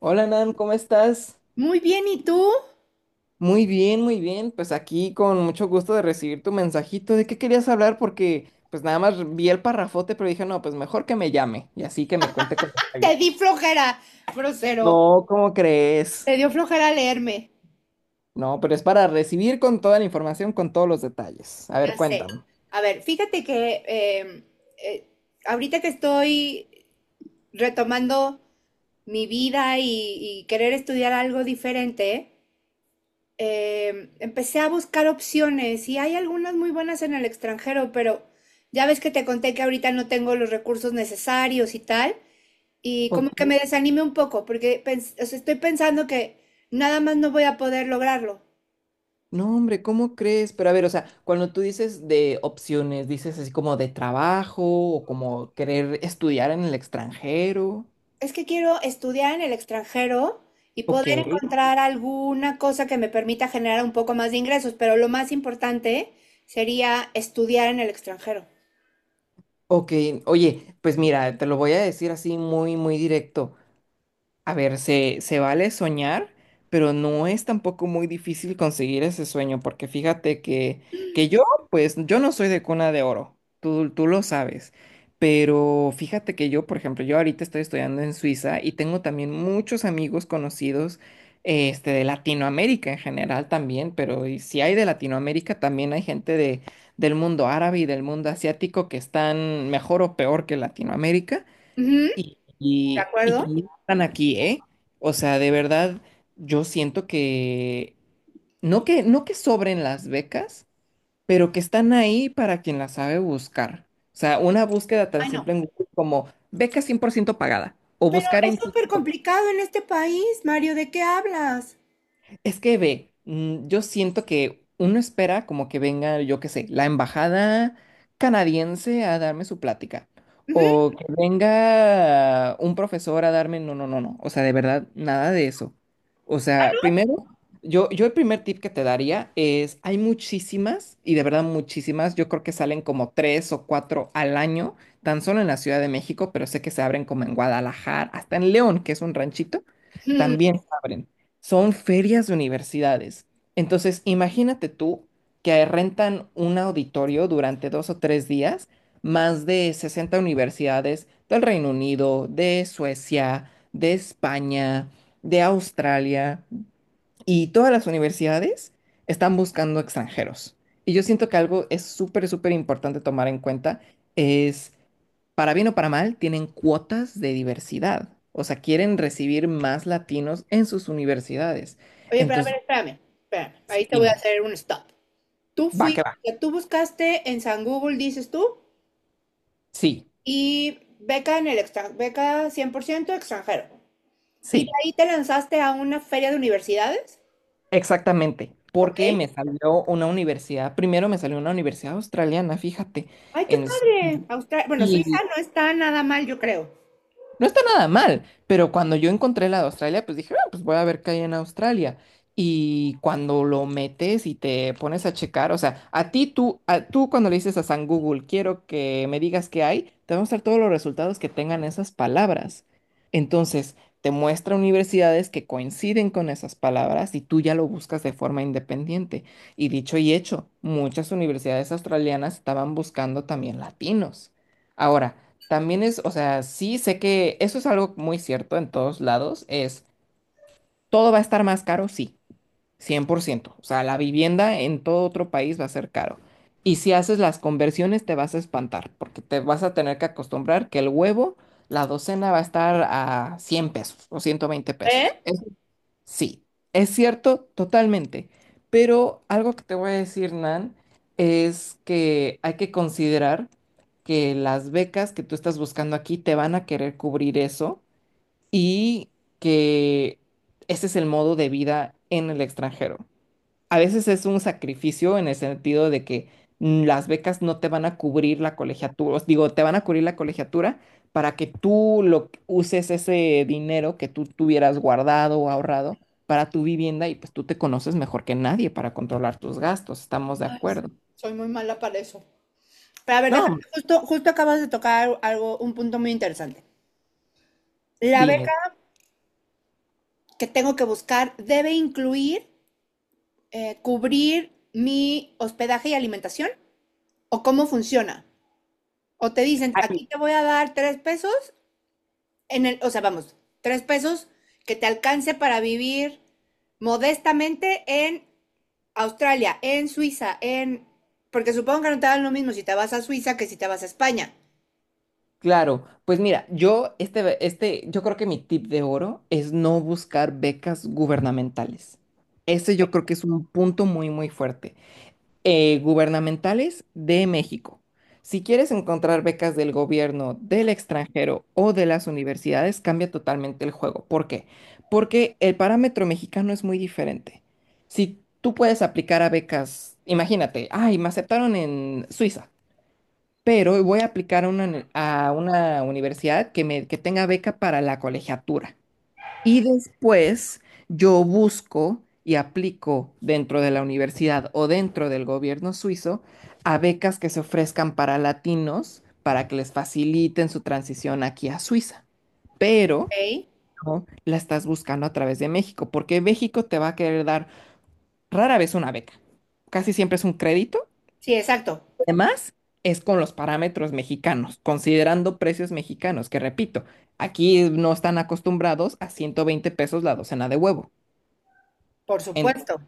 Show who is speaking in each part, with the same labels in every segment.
Speaker 1: Hola Nan, ¿cómo estás?
Speaker 2: Muy bien, ¿y tú?
Speaker 1: Muy bien, muy bien. Pues aquí con mucho gusto de recibir tu mensajito. ¿De qué querías hablar? Porque pues nada más vi el parrafote, pero dije, no, pues mejor que me llame y así que me cuente con detalle.
Speaker 2: Te di flojera, grosero.
Speaker 1: No, ¿cómo crees?
Speaker 2: Te dio flojera leerme.
Speaker 1: No, pero es para recibir con toda la información, con todos los detalles. A ver,
Speaker 2: Ya sé.
Speaker 1: cuéntame.
Speaker 2: A ver, fíjate que eh, ahorita que estoy retomando mi vida y querer estudiar algo diferente. Eh, empecé a buscar opciones y hay algunas muy buenas en el extranjero, pero ya ves que te conté que ahorita no tengo los recursos necesarios y tal. Y como
Speaker 1: Ok.
Speaker 2: que me desanime un poco, porque o sea, estoy pensando que nada más no voy a poder lograrlo.
Speaker 1: No, hombre, ¿cómo crees? Pero a ver, o sea, cuando tú dices de opciones, dices así como de trabajo o como querer estudiar en el extranjero.
Speaker 2: Es que quiero estudiar en el extranjero y
Speaker 1: Ok.
Speaker 2: poder encontrar alguna cosa que me permita generar un poco más de ingresos, pero lo más importante sería estudiar en el extranjero.
Speaker 1: Ok, oye, pues mira, te lo voy a decir así muy, muy directo. A ver, se vale soñar, pero no es tampoco muy difícil conseguir ese sueño, porque fíjate que yo, pues, yo no soy de cuna de oro, tú lo sabes, pero fíjate que yo, por ejemplo, yo ahorita estoy estudiando en Suiza y tengo también muchos amigos conocidos, de Latinoamérica en general también, pero y si hay de Latinoamérica, también hay gente de, del mundo árabe y del mundo asiático que están mejor o peor que Latinoamérica.
Speaker 2: Ujú.
Speaker 1: Y,
Speaker 2: ¿De
Speaker 1: y, y
Speaker 2: acuerdo?
Speaker 1: también están aquí, ¿eh? O sea, de verdad, yo siento que no que sobren las becas, pero que están ahí para quien las sabe buscar. O sea, una búsqueda tan
Speaker 2: Ay, no.
Speaker 1: simple en Google como beca 100% pagada o
Speaker 2: Pero
Speaker 1: buscar
Speaker 2: es
Speaker 1: en
Speaker 2: súper
Speaker 1: TikTok.
Speaker 2: complicado en este país, Mario, ¿de qué hablas?
Speaker 1: Es que ve, yo siento que uno espera como que venga, yo qué sé, la embajada canadiense a darme su plática.
Speaker 2: Ujú.
Speaker 1: O que venga un profesor a darme, no, no, no, no. O sea, de verdad, nada de eso. O sea, primero, yo el primer tip que te daría es, hay muchísimas, y de verdad muchísimas, yo creo que salen como tres o cuatro al año, tan solo en la Ciudad de México, pero sé que se abren como en Guadalajara, hasta en León, que es un ranchito,
Speaker 2: Mm.
Speaker 1: también se abren, son ferias de universidades. Entonces, imagínate tú que rentan un auditorio durante dos o tres días, más de 60 universidades del Reino Unido, de Suecia, de España, de Australia, y todas las universidades están buscando extranjeros. Y yo siento que algo es súper, súper importante tomar en cuenta es, para bien o para mal, tienen cuotas de diversidad. O sea, quieren recibir más latinos en sus universidades.
Speaker 2: Oye, pero a
Speaker 1: Entonces,
Speaker 2: ver, espérame, ahí
Speaker 1: sí,
Speaker 2: te voy a
Speaker 1: dime,
Speaker 2: hacer un stop. Tú
Speaker 1: va que
Speaker 2: fuiste,
Speaker 1: va.
Speaker 2: tú buscaste en San Google, dices tú,
Speaker 1: Sí,
Speaker 2: y beca en el extranjero, beca 100% extranjero. Y de
Speaker 1: sí,
Speaker 2: ahí te lanzaste a una feria de universidades,
Speaker 1: exactamente.
Speaker 2: ¿ok?
Speaker 1: Porque me salió una universidad, primero me salió una universidad australiana, fíjate,
Speaker 2: Ay, qué
Speaker 1: en
Speaker 2: padre.
Speaker 1: Sydney.
Speaker 2: Australia, bueno, Suiza no está nada mal, yo creo.
Speaker 1: No está nada mal, pero cuando yo encontré la de Australia, pues dije: "Ah, pues voy a ver qué hay en Australia". Y cuando lo metes y te pones a checar, o sea, a ti tú, a- tú cuando le dices a San Google, quiero que me digas qué hay, te va a mostrar todos los resultados que tengan esas palabras. Entonces, te muestra universidades que coinciden con esas palabras y tú ya lo buscas de forma independiente. Y dicho y hecho, muchas universidades australianas estaban buscando también latinos. Ahora, también es, o sea, sí sé que eso es algo muy cierto en todos lados, es, todo va a estar más caro, sí, 100%. O sea, la vivienda en todo otro país va a ser caro. Y si haces las conversiones te vas a espantar, porque te vas a tener que acostumbrar que el huevo, la docena va a estar a 100 pesos o 120 pesos.
Speaker 2: ¿Eh?
Speaker 1: Sí, es cierto totalmente, pero algo que te voy a decir, Nan, es que hay que considerar que las becas que tú estás buscando aquí te van a querer cubrir eso y que ese es el modo de vida en el extranjero, a veces es un sacrificio en el sentido de que las becas no te van a cubrir la colegiatura, os digo, te van a cubrir la colegiatura para que uses ese dinero que tú tuvieras guardado o ahorrado para tu vivienda y pues tú te conoces mejor que nadie para controlar tus gastos, estamos de acuerdo.
Speaker 2: Soy muy mala para eso. Pero a ver, déjame,
Speaker 1: No,
Speaker 2: justo acabas de tocar algo, un punto muy interesante. La
Speaker 1: dime.
Speaker 2: beca que tengo que buscar debe incluir cubrir mi hospedaje y alimentación o cómo funciona. O te dicen,
Speaker 1: Ay,
Speaker 2: aquí te voy a dar tres pesos en el, o sea, vamos, tres pesos que te alcance para vivir modestamente en Australia, en Suiza, en... Porque supongo que no te dan lo mismo si te vas a Suiza que si te vas a España.
Speaker 1: claro, pues mira, yo este yo creo que mi tip de oro es no buscar becas gubernamentales. Ese yo creo que es un punto muy muy fuerte, gubernamentales de México. Si quieres encontrar becas del gobierno, del extranjero o de las universidades, cambia totalmente el juego. ¿Por qué? Porque el parámetro mexicano es muy diferente. Si tú puedes aplicar a becas, imagínate, ay, me aceptaron en Suiza, pero voy a aplicar a una, a una universidad que, me, que tenga beca para la colegiatura. Y después yo busco y aplico dentro de la universidad o dentro del gobierno suizo a becas que se ofrezcan para latinos para que les faciliten su transición aquí a Suiza. Pero
Speaker 2: ¿Ok?
Speaker 1: no la estás buscando a través de México, porque México te va a querer dar rara vez una beca. Casi siempre es un crédito.
Speaker 2: Sí, exacto,
Speaker 1: Además, es con los parámetros mexicanos, considerando precios mexicanos, que repito, aquí no están acostumbrados a 120 pesos la docena de huevo.
Speaker 2: por supuesto.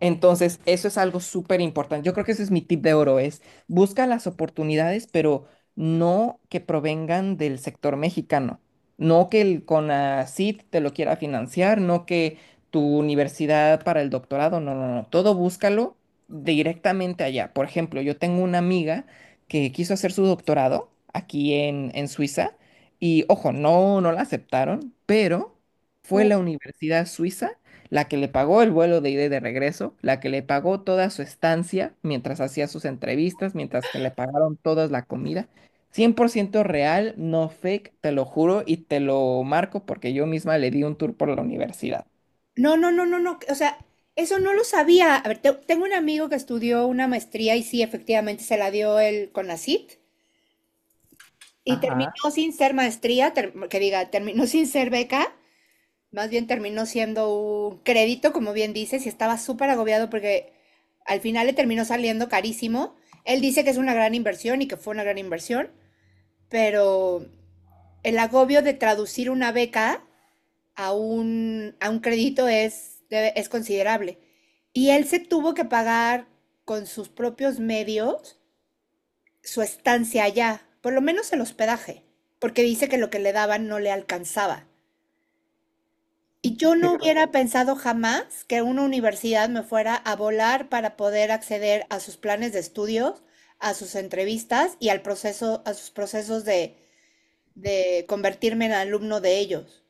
Speaker 1: Entonces, eso es algo súper importante. Yo creo que ese es mi tip de oro, es busca las oportunidades, pero no que provengan del sector mexicano. No que el CONACYT te lo quiera financiar, no que tu universidad para el doctorado, no, no, no. Todo búscalo directamente allá. Por ejemplo, yo tengo una amiga que quiso hacer su doctorado aquí en Suiza y, ojo, no, no la aceptaron, pero fue la universidad suiza la que le pagó el vuelo de ida y de regreso, la que le pagó toda su estancia mientras hacía sus entrevistas, mientras que le pagaron toda la comida. Cien por ciento real, no fake, te lo juro y te lo marco porque yo misma le di un tour por la universidad.
Speaker 2: No, no, no, no, no, o sea, eso no lo sabía. A ver, tengo un amigo que estudió una maestría y sí, efectivamente se la dio el CONACYT y terminó
Speaker 1: Ajá,
Speaker 2: sin ser maestría, terminó sin ser beca. Más bien terminó siendo un crédito, como bien dices, y estaba súper agobiado porque al final le terminó saliendo carísimo. Él dice que es una gran inversión y que fue una gran inversión, pero el agobio de traducir una beca a un crédito es, es considerable. Y él se tuvo que pagar con sus propios medios su estancia allá, por lo menos el hospedaje, porque dice que lo que le daban no le alcanzaba. Y yo
Speaker 1: qué
Speaker 2: no
Speaker 1: gro-
Speaker 2: hubiera pensado jamás que una universidad me fuera a volar para poder acceder a sus planes de estudios, a sus entrevistas y al proceso, a sus procesos de convertirme en alumno de ellos.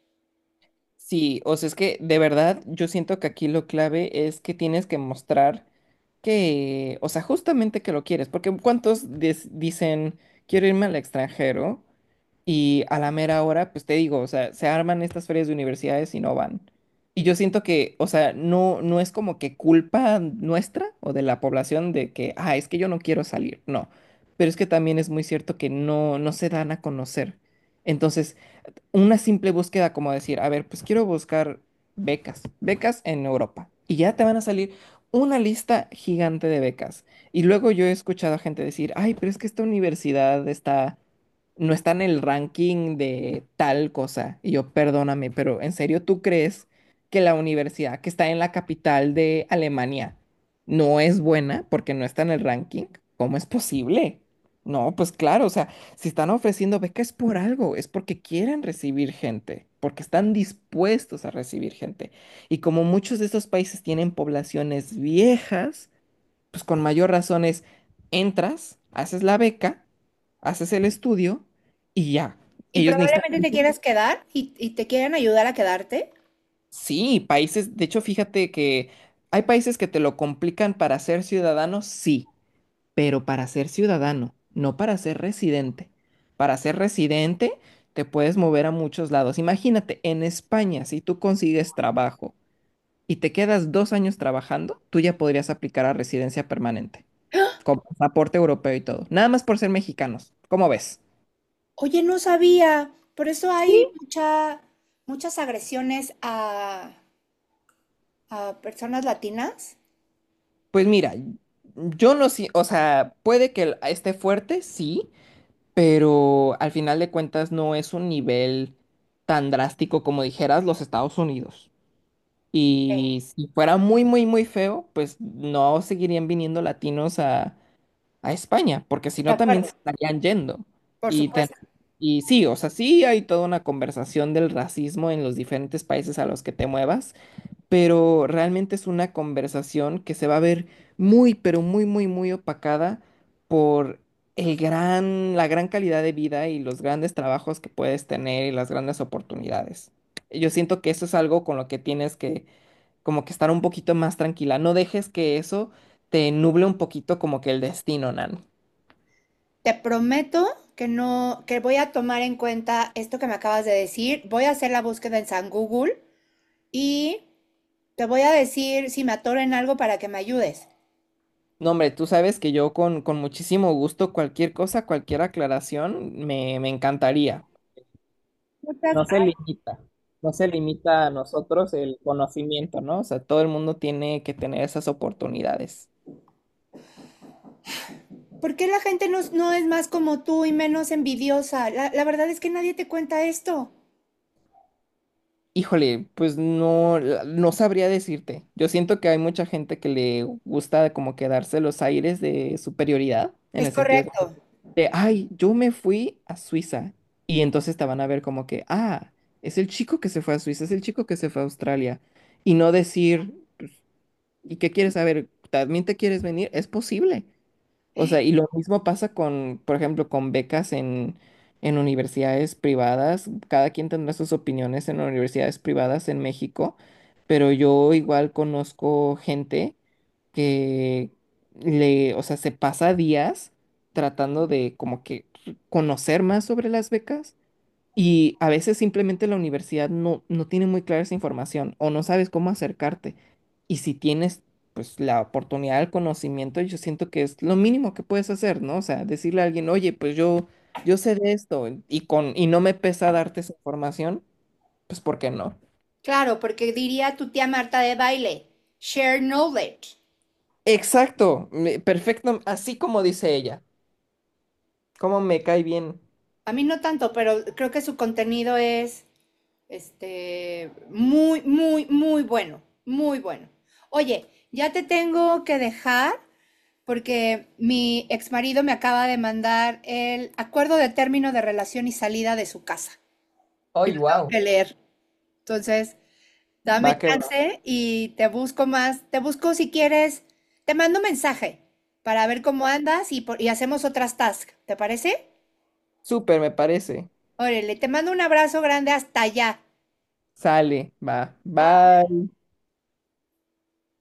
Speaker 1: sí, o sea, es que de verdad yo siento que aquí lo clave es que tienes que mostrar que, o sea, justamente que lo quieres, porque ¿cuántos dicen, quiero irme al extranjero? Y a la mera hora, pues te digo, o sea, se arman estas ferias de universidades y no van. Y yo siento que, o sea, no, no es como que culpa nuestra o de la población de que, ah, es que yo no quiero salir. No. Pero es que también es muy cierto que no, no se dan a conocer. Entonces, una simple búsqueda como decir, a ver, pues quiero buscar becas, becas en Europa. Y ya te van a salir una lista gigante de becas. Y luego yo he escuchado a gente decir, ay, pero es que esta universidad está, no está en el ranking de tal cosa. Y yo, perdóname, pero ¿en serio tú crees que la universidad que está en la capital de Alemania no es buena porque no está en el ranking? ¿Cómo es posible? No, pues claro, o sea, si están ofreciendo beca es por algo, es porque quieren recibir gente, porque están dispuestos a recibir gente. Y como muchos de estos países tienen poblaciones viejas, pues con mayor razón es, entras, haces la beca, haces el estudio y ya.
Speaker 2: Y
Speaker 1: Ellos necesitan...
Speaker 2: probablemente te
Speaker 1: gente.
Speaker 2: quieras quedar y te quieren ayudar a quedarte.
Speaker 1: Sí, países, de hecho, fíjate que hay países que te lo complican para ser ciudadano, sí, pero para ser ciudadano, no para ser residente. Para ser residente te puedes mover a muchos lados. Imagínate, en España, si tú consigues trabajo y te quedas dos años trabajando, tú ya podrías aplicar a residencia permanente, con pasaporte europeo y todo, nada más por ser mexicanos. ¿Cómo ves?
Speaker 2: Oye, no sabía. Por eso hay
Speaker 1: Sí,
Speaker 2: muchas agresiones a personas latinas.
Speaker 1: pues mira, yo no sé, o sea, puede que esté fuerte, sí, pero al final de cuentas no es un nivel tan drástico como dijeras los Estados Unidos.
Speaker 2: Sí.
Speaker 1: Y si fuera muy, muy, muy feo, pues no seguirían viniendo latinos a España, porque si
Speaker 2: De
Speaker 1: no también se
Speaker 2: acuerdo,
Speaker 1: estarían yendo.
Speaker 2: por
Speaker 1: Y,
Speaker 2: supuesto.
Speaker 1: y sí, o sea, sí hay toda una conversación del racismo en los diferentes países a los que te muevas, pero realmente es una conversación que se va a ver muy, pero muy, muy, muy opacada por el gran, la gran calidad de vida y los grandes trabajos que puedes tener y las grandes oportunidades. Yo siento que eso es algo con lo que tienes que como que estar un poquito más tranquila. No dejes que eso te nuble un poquito como que el destino, Nan.
Speaker 2: Te prometo que no, que voy a tomar en cuenta esto que me acabas de decir. Voy a hacer la búsqueda en San Google y te voy a decir si me atoro en algo para que me ayudes.
Speaker 1: No, hombre, tú sabes que yo con muchísimo gusto cualquier cosa, cualquier aclaración, me encantaría.
Speaker 2: Muchas
Speaker 1: No se
Speaker 2: gra-
Speaker 1: limita, no se limita a nosotros el conocimiento, ¿no? O sea, todo el mundo tiene que tener esas oportunidades.
Speaker 2: ¿Por qué la gente no es más como tú y menos envidiosa? La verdad es que nadie te cuenta esto.
Speaker 1: Híjole, pues no, no sabría decirte. Yo siento que hay mucha gente que le gusta como que darse los aires de superioridad, en
Speaker 2: Es
Speaker 1: el sentido
Speaker 2: correcto.
Speaker 1: de, ay, yo me fui a Suiza. Y entonces te van a ver como que, ah, es el chico que se fue a Suiza, es el chico que se fue a Australia. Y no decir, ¿y qué quieres saber? ¿También te quieres venir? Es posible. O sea, y lo mismo pasa con, por ejemplo, con becas en universidades privadas. Cada quien tendrá sus opiniones en universidades privadas en México, pero yo igual conozco gente que le, o sea, se pasa días tratando de como que conocer más sobre las becas y a veces simplemente la universidad no, no tiene muy clara esa información o no sabes cómo acercarte. Y si tienes pues la oportunidad del conocimiento, yo siento que es lo mínimo que puedes hacer, ¿no? O sea, decirle a alguien, oye, pues yo sé de esto y, con, y no me pesa darte esa información, pues ¿por qué no?
Speaker 2: Claro, porque diría tu tía Marta de baile, share knowledge.
Speaker 1: Exacto, perfecto, así como dice ella. ¿Cómo me cae bien?
Speaker 2: A mí no tanto, pero creo que su contenido es muy, muy, muy bueno, muy bueno. Oye, ya te tengo que dejar porque mi exmarido me acaba de mandar el acuerdo de término de relación y salida de su casa. Y
Speaker 1: ¡Ay,
Speaker 2: lo tengo
Speaker 1: wow!
Speaker 2: que leer. Entonces, dame
Speaker 1: Va que va.
Speaker 2: chance y te busco más, te busco si quieres, te mando un mensaje para ver cómo andas y hacemos otras tasks. ¿Te parece?
Speaker 1: Súper, me parece.
Speaker 2: Órale, te mando un abrazo grande hasta allá.
Speaker 1: Sale, va. Bye.